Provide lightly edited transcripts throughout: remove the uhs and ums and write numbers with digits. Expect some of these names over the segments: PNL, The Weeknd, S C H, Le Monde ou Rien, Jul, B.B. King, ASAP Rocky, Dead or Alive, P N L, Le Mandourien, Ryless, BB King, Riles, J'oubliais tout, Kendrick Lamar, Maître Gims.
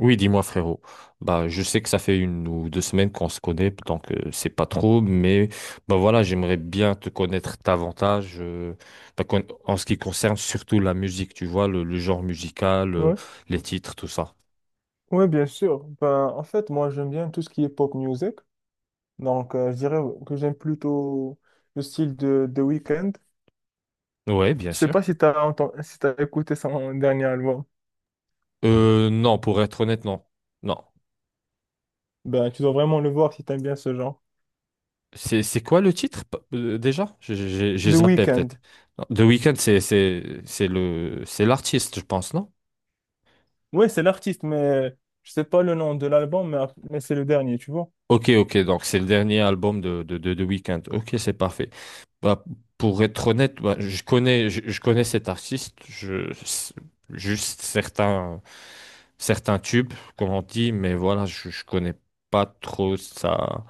Oui, dis-moi frérot. Bah, je sais que ça fait une ou deux semaines qu'on se connaît, donc c'est pas trop, mais bah voilà, j'aimerais bien te connaître davantage bah, en ce qui concerne surtout la musique, tu vois, le genre musical, Oui, les titres, tout ça. oui, bien sûr. Moi, j'aime bien tout ce qui est pop music. Donc, je dirais que j'aime plutôt le style de The Weeknd. Ouais, bien Je sais sûr. pas si tu as entendu, si t'as écouté son dernier album. Non, pour être honnête, non. Non. Ben, tu dois vraiment le voir si tu aimes bien ce genre. C'est quoi le titre déjà? J'ai The zappé Weeknd. peut-être. Non, The Weeknd, c'est l'artiste, je pense, non? Oui, c'est l'artiste, mais je sais pas le nom de l'album, mais c'est le dernier, tu vois. Ok, ok, donc c'est le dernier album de Weeknd. Ok, c'est parfait. Bah, pour être honnête, bah, je connais cet artiste, c'est- juste certains tubes, comme on dit, mais voilà, je connais pas trop sa,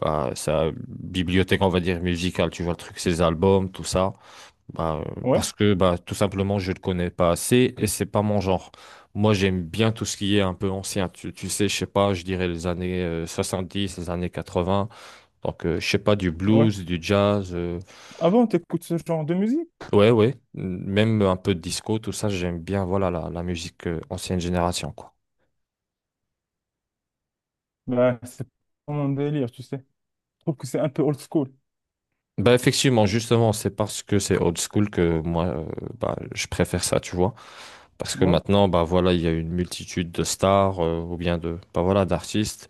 bah, sa bibliothèque, on va dire, musicale, tu vois, le truc, ses albums, tout ça. Bah, Ouais, parce que bah, tout simplement, je ne le connais pas assez et c'est pas mon genre. Moi, j'aime bien tout ce qui est un peu ancien. Tu sais, je sais pas, je dirais les années dix, les années 80. Donc, je sais pas, du ouais. blues, du jazz. Ah bon, t'écoutes ce genre de musique? Ouais, ouais. Même un peu de disco, tout ça, j'aime bien, voilà, la musique ancienne génération, quoi. Ben, c'est pas mon délire, tu sais. Je trouve que c'est un peu old school. Bah, effectivement, justement, c'est parce que c'est old school que moi, bah, je préfère ça, tu vois. Parce que Ouais, maintenant, bah, voilà, il y a une multitude de stars ou bien de, bah, voilà, d'artistes.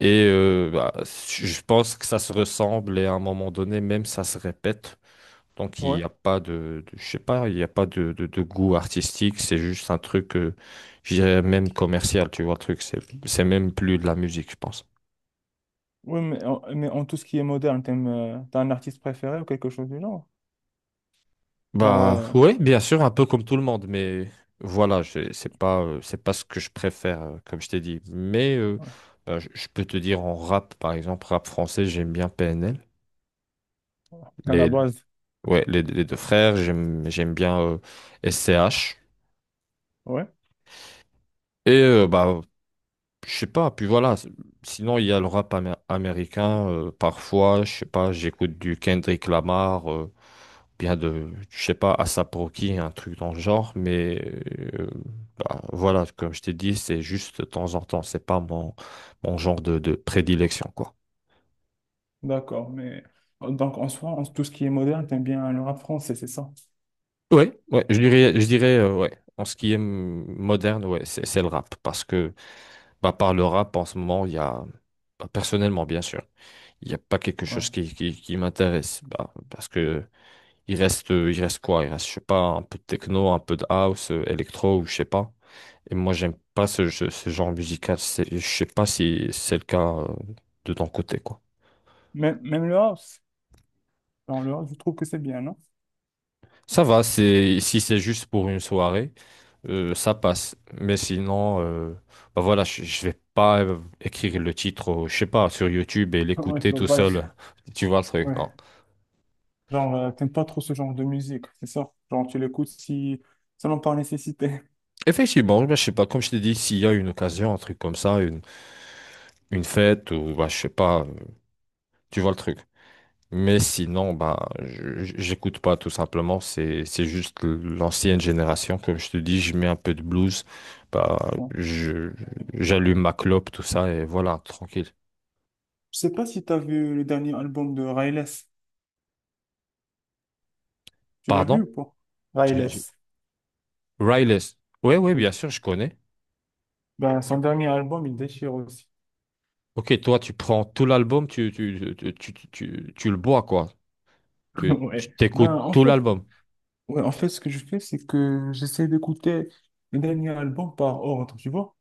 Et bah, je pense que ça se ressemble et à un moment donné, même ça se répète. Donc il ouais. n'y a pas je sais pas, il n'y a pas de, de goût artistique, c'est juste un truc, je dirais même commercial, tu vois, le truc, c'est même plus de la musique, je pense. Oui, mais en tout ce qui est moderne, t'aimes, t'as un artiste préféré ou quelque chose du genre? Genre, Bah oui, bien sûr, un peu comme tout le monde, mais voilà, c'est pas ce que je préfère, comme je t'ai dit. Mais ouais, bah, je peux te dire en rap, par exemple, rap français, j'aime bien PNL. à la base, Ouais, les deux frères, j'aime bien SCH. ouais. Et bah, je sais pas, puis voilà, c'est- sinon il y a le rap américain parfois, je sais pas, j'écoute du Kendrick Lamar bien de je sais pas ASAP Rocky, un truc dans le genre, mais euh, bah, voilà, comme je t'ai dit, c'est juste de temps en temps, c'est pas mon genre de prédilection quoi. D'accord, mais donc en soi, tout ce qui est moderne, t'aimes bien le rap français, c'est ça? Ouais, ouais, je dirais ouais, en ce qui est mm, moderne, ouais, c'est le rap parce que bah, par le rap, en ce moment, il y a, bah, personnellement, bien sûr, il n'y a pas quelque Ouais. chose qui m'intéresse. Bah, parce que il reste quoi? Il reste, je sais pas, un peu de techno, un peu de house, électro, ou je sais pas. Et moi, j'aime pas ce genre musical. C'est- Je sais pas si c'est le cas de ton côté, quoi. Même le house, dans le house, je trouve que c'est bien, non? Ça va, c'est, si c'est juste pour une soirée, ça passe. Mais sinon, bah voilà, je vais pas écrire le titre, je sais pas, sur YouTube et Ouais, tu l'écouter vois tout pas. Seul. Tu vois le truc, non? Ouais. Genre, t'aimes pas trop ce genre de musique, c'est ça? Genre, tu l'écoutes si seulement par nécessité. Effectivement, bah, je sais pas, comme je t'ai dit, s'il y a une occasion, un truc comme ça, une fête, ou bah, je sais pas, tu vois le truc. Mais sinon, bah, j'écoute pas tout simplement, c'est juste l'ancienne génération, comme je te dis, je mets un peu de blues, bah, Ouais. je, j'allume ma clope, tout ça, et voilà, tranquille. Je sais pas si t'as vu le dernier album de Ryless. Tu l'as vu ou Pardon? pas? J'ai- j'ai- Ryless, Riles. Oui, oui, oui. bien sûr, je connais. Ben, son dernier album, il déchire aussi. Ok, toi, tu prends tout l'album, tu le bois, quoi. Tu Ouais. Ben, t'écoutes en tout fait, l'album, ouais, en fait, ce que je fais, c'est que j'essaie d'écouter le dernier album par ordre, tu vois?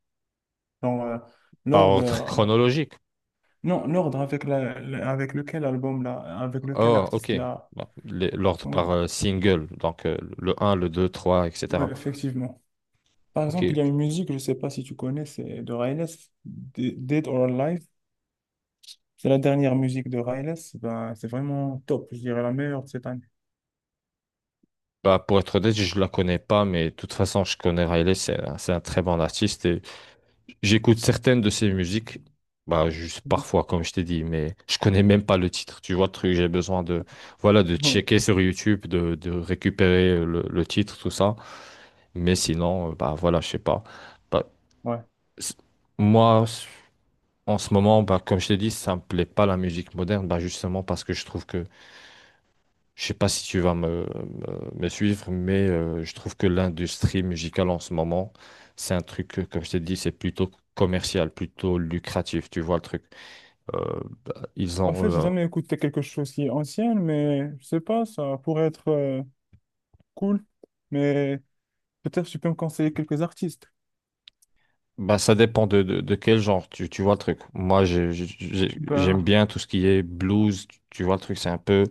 Dans par l'ordre, ordre non, chronologique. l'ordre avec, avec lequel album, là, avec lequel Oh, ok. artiste, là. Bon, les- l'ordre Ouais. par single, donc le 1, le 2, 3, Ouais, etc. effectivement. Par exemple, il y a Ok. une musique, je sais pas si tu connais, c'est de Riles, Dead or Alive. C'est la dernière musique de Riles. Ben, c'est vraiment top, je dirais la meilleure de cette année. Bah, pour être honnête, je la connais pas, mais de toute façon, je connais Riley, c'est un très bon artiste et j'écoute certaines de ses musiques, bah, juste parfois, comme je t'ai dit, mais je connais même pas le titre. Tu vois le truc, j'ai besoin de, voilà, de Ouais. checker sur YouTube, de récupérer le titre, tout ça. Mais sinon, bah, voilà, je sais pas. Bah, Ouais. c- moi, en ce moment, bah, comme je t'ai dit, ça me plaît pas la musique moderne, bah, justement parce que je trouve que, je sais pas si tu vas me, me suivre, mais je trouve que l'industrie musicale en ce moment, c'est un truc, comme je t'ai dit, c'est plutôt commercial, plutôt lucratif, tu vois le truc. Euh, ils En ont, fait, j'ai jamais écouté quelque chose qui est ancien, mais je sais pas, ça pourrait être cool. Mais peut-être tu peux me conseiller quelques artistes. bah, ça dépend de, de quel genre, tu vois le truc. Moi, j'aime Ben, bien tout ce qui est blues, tu vois le truc, c'est un peu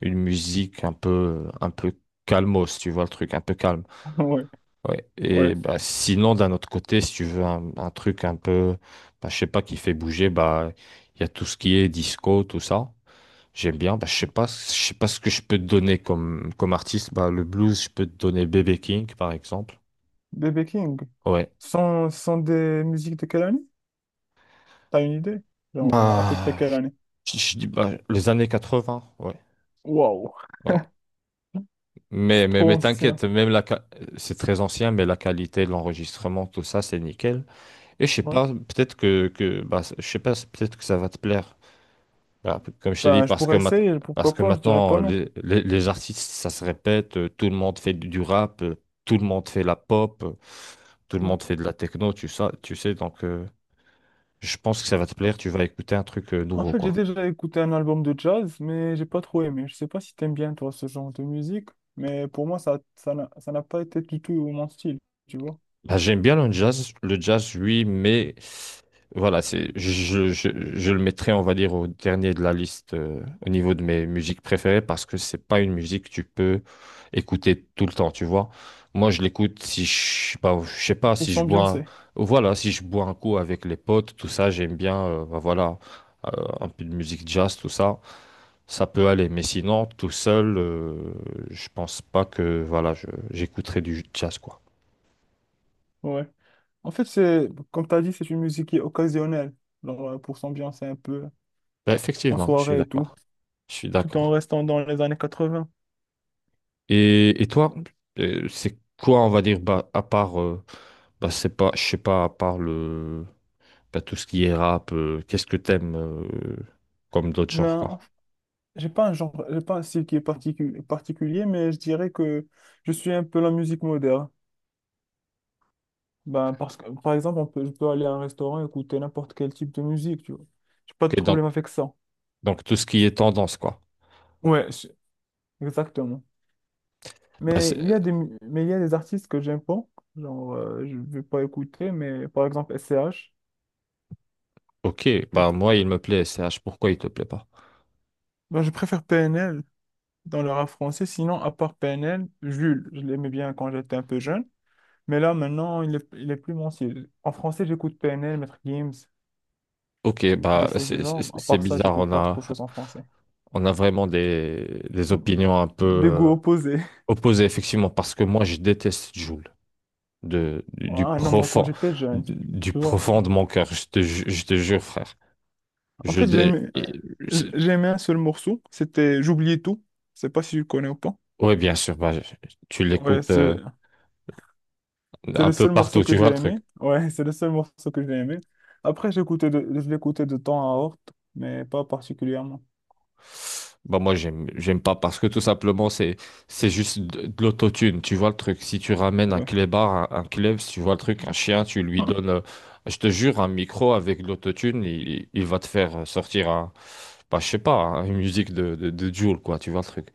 une musique un peu calmos, tu vois le truc, un peu calme. ouais. Ouais. Ouais. Et bah, sinon, d'un autre côté, si tu veux un truc un peu, bah, je sais pas, qui fait bouger, bah, il y a tout ce qui est disco, tout ça. J'aime bien. Bah, je sais pas, ce que je peux te donner comme, comme artiste. Bah, le blues, je peux te donner BB. King, par exemple. BB King. Ouais. Ce sont des musiques de quelle année? T'as une idée? Genre, à peu près Bah, quelle année? Je dis, bah, les années 80, ouais. Wow. Ouais. C'est trop Mais ancien. t'inquiète, même la, c'est très ancien, mais la qualité de l'enregistrement, tout ça, c'est nickel. Et je sais Ouais. pas, peut-être que bah, je sais pas, peut-être que ça va te plaire. Voilà, comme je t'ai dit, Ben, je pourrais essayer, parce pourquoi que pas, je dirais maintenant, pas non. Les artistes, ça se répète, tout le monde fait du rap, tout le monde fait la pop, tout le Ouais. monde fait de la techno, tu sais, donc je pense que ça va te plaire, tu vas écouter un truc En nouveau, fait, j'ai quoi. déjà écouté un album de jazz, mais j'ai pas trop aimé. Je sais pas si t'aimes bien, toi, ce genre de musique, mais pour moi, ça n'a pas été du tout mon style, tu vois. Bah, j'aime bien le jazz, oui, mais voilà, c'est, je le mettrai, on va dire, au dernier de la liste au niveau de mes musiques préférées parce que c'est pas une musique que tu peux écouter tout le temps, tu vois. Moi, je l'écoute si je, bah, je sais pas, Pour si je bois, s'ambiancer, voilà, si je bois un coup avec les potes, tout ça, j'aime bien, bah, voilà, euh, un peu de musique jazz, tout ça, ça peut aller. Mais sinon, tout seul, je pense pas que, voilà, j'écouterai du jazz, quoi. ouais. En fait, c'est, comme t'as dit, c'est une musique qui est occasionnelle, genre, pour s'ambiancer un peu Bah, en effectivement, je suis soirée et tout, d'accord. Je suis tout en d'accord. restant dans les années 80. Et, toi, c'est quoi, on va dire, bah, à part, bah, c'est pas, je sais pas, à part le, bah, tout ce qui est rap, qu'est-ce que t'aimes comme d'autres genres, Ben, en quoi. fait, j'ai pas un genre, j'ai pas un style qui est particulier, mais je dirais que je suis un peu la musique moderne. Ben, parce que, par exemple, je peux aller à un restaurant et écouter n'importe quel type de musique, tu vois. J'ai pas de Ok, problème donc, avec ça. Tout ce qui est tendance, quoi. Ouais, je- exactement. Bah, Mais il y c'est- a mais il y a des artistes que j'aime pas, genre, je vais pas écouter, mais par exemple, S C H. ok, bah, moi, il me plaît, C H. Pourquoi il te plaît pas? Ben, je préfère P N L dans le rap français, sinon, à part P N L Jules, je l'aimais bien quand j'étais un peu jeune. Mais là, maintenant, il est plus mon style. En français, j'écoute PNL, Maître Gims, Ok, des bah, choses du genre. À c'est part ça, bizarre, j'écoute pas trop de choses en français. on a vraiment des opinions un peu Des goûts opposés. opposées, effectivement, parce que moi, je déteste Jul. De, Ah non, moi, quand j'étais jeune, du tu vois, profond genre. de mon cœur. Je te, je te jure, frère. En Je, fait, c'est- j'aimais un seul morceau. C'était J'oubliais tout. Je sais pas si tu le connais ou pas. ouais, bien sûr, bah, tu Ouais, l'écoutes c'est c'est un le peu seul morceau partout, que tu vois j'ai le truc. aimé. Ouais, c'est le seul morceau que j'ai aimé. Après, je l'écoutais de temps à autre, mais pas particulièrement. Bah, moi, j'aime pas parce que tout simplement, c'est juste de l'autotune, tu vois le truc. Si tu ramènes un Ouais. clébard, un clébs, tu vois le truc, un chien, tu lui donnes, je te jure, un micro avec de l'autotune, il, il va te faire sortir un, bah, je sais pas, hein, une musique de Jul, quoi, tu vois le truc.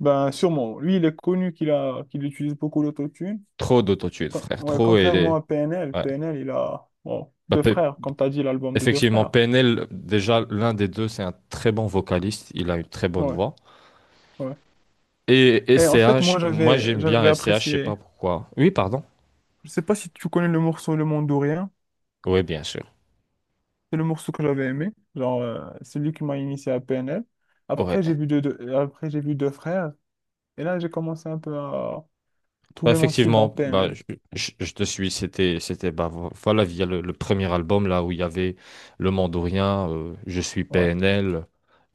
Ben, sûrement. Lui, il est connu qu'il utilise beaucoup l'autotune. Trop d'autotune, frère, Ouais, trop, et contrairement les- à PNL, ouais. PNL, il a bon, Bah, deux Pe- frères, comme tu as dit, l'album de deux effectivement, frères. PNL, déjà, l'un des deux, c'est un très bon vocaliste. Il a une très bonne Ouais, voix. ouais. Et Et en fait, SCH, moi, moi, j'aime bien j'avais SCH, je sais apprécié. pas pourquoi. Oui, pardon. Je sais pas si tu connais le morceau Le Monde ou Rien. Oui, bien sûr. C'est le morceau que j'avais aimé. Genre, c'est lui qui m'a initié à PNL. Après, j'ai Ouais. vu deux, deux- après, j'ai vu deux frères. Et là, j'ai commencé un peu à Bah, trouver mon style dans effectivement, bah, PNL. Je te suis. C'était, c'était, bah, voilà, via le premier album, là où il y avait Le Mandourien, Je suis Ouais, PNL.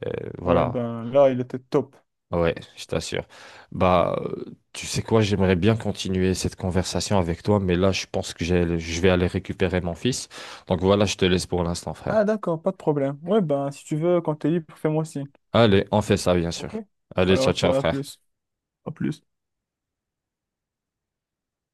euh, ouais, voilà. ben là, il était top. Ouais, je t'assure. Bah, tu sais quoi, j'aimerais bien continuer cette conversation avec toi, mais là, je pense que j'ai- je vais aller récupérer mon fils. Donc voilà, je te laisse pour l'instant, frère. Ah, d'accord, pas de problème. Ouais, ben, si tu veux, quand t'es libre, fais-moi signe. Allez, on fait ça, bien OK? sûr. Allez, Alors, ciao, je ciao, dirai à frère. plus. À plus.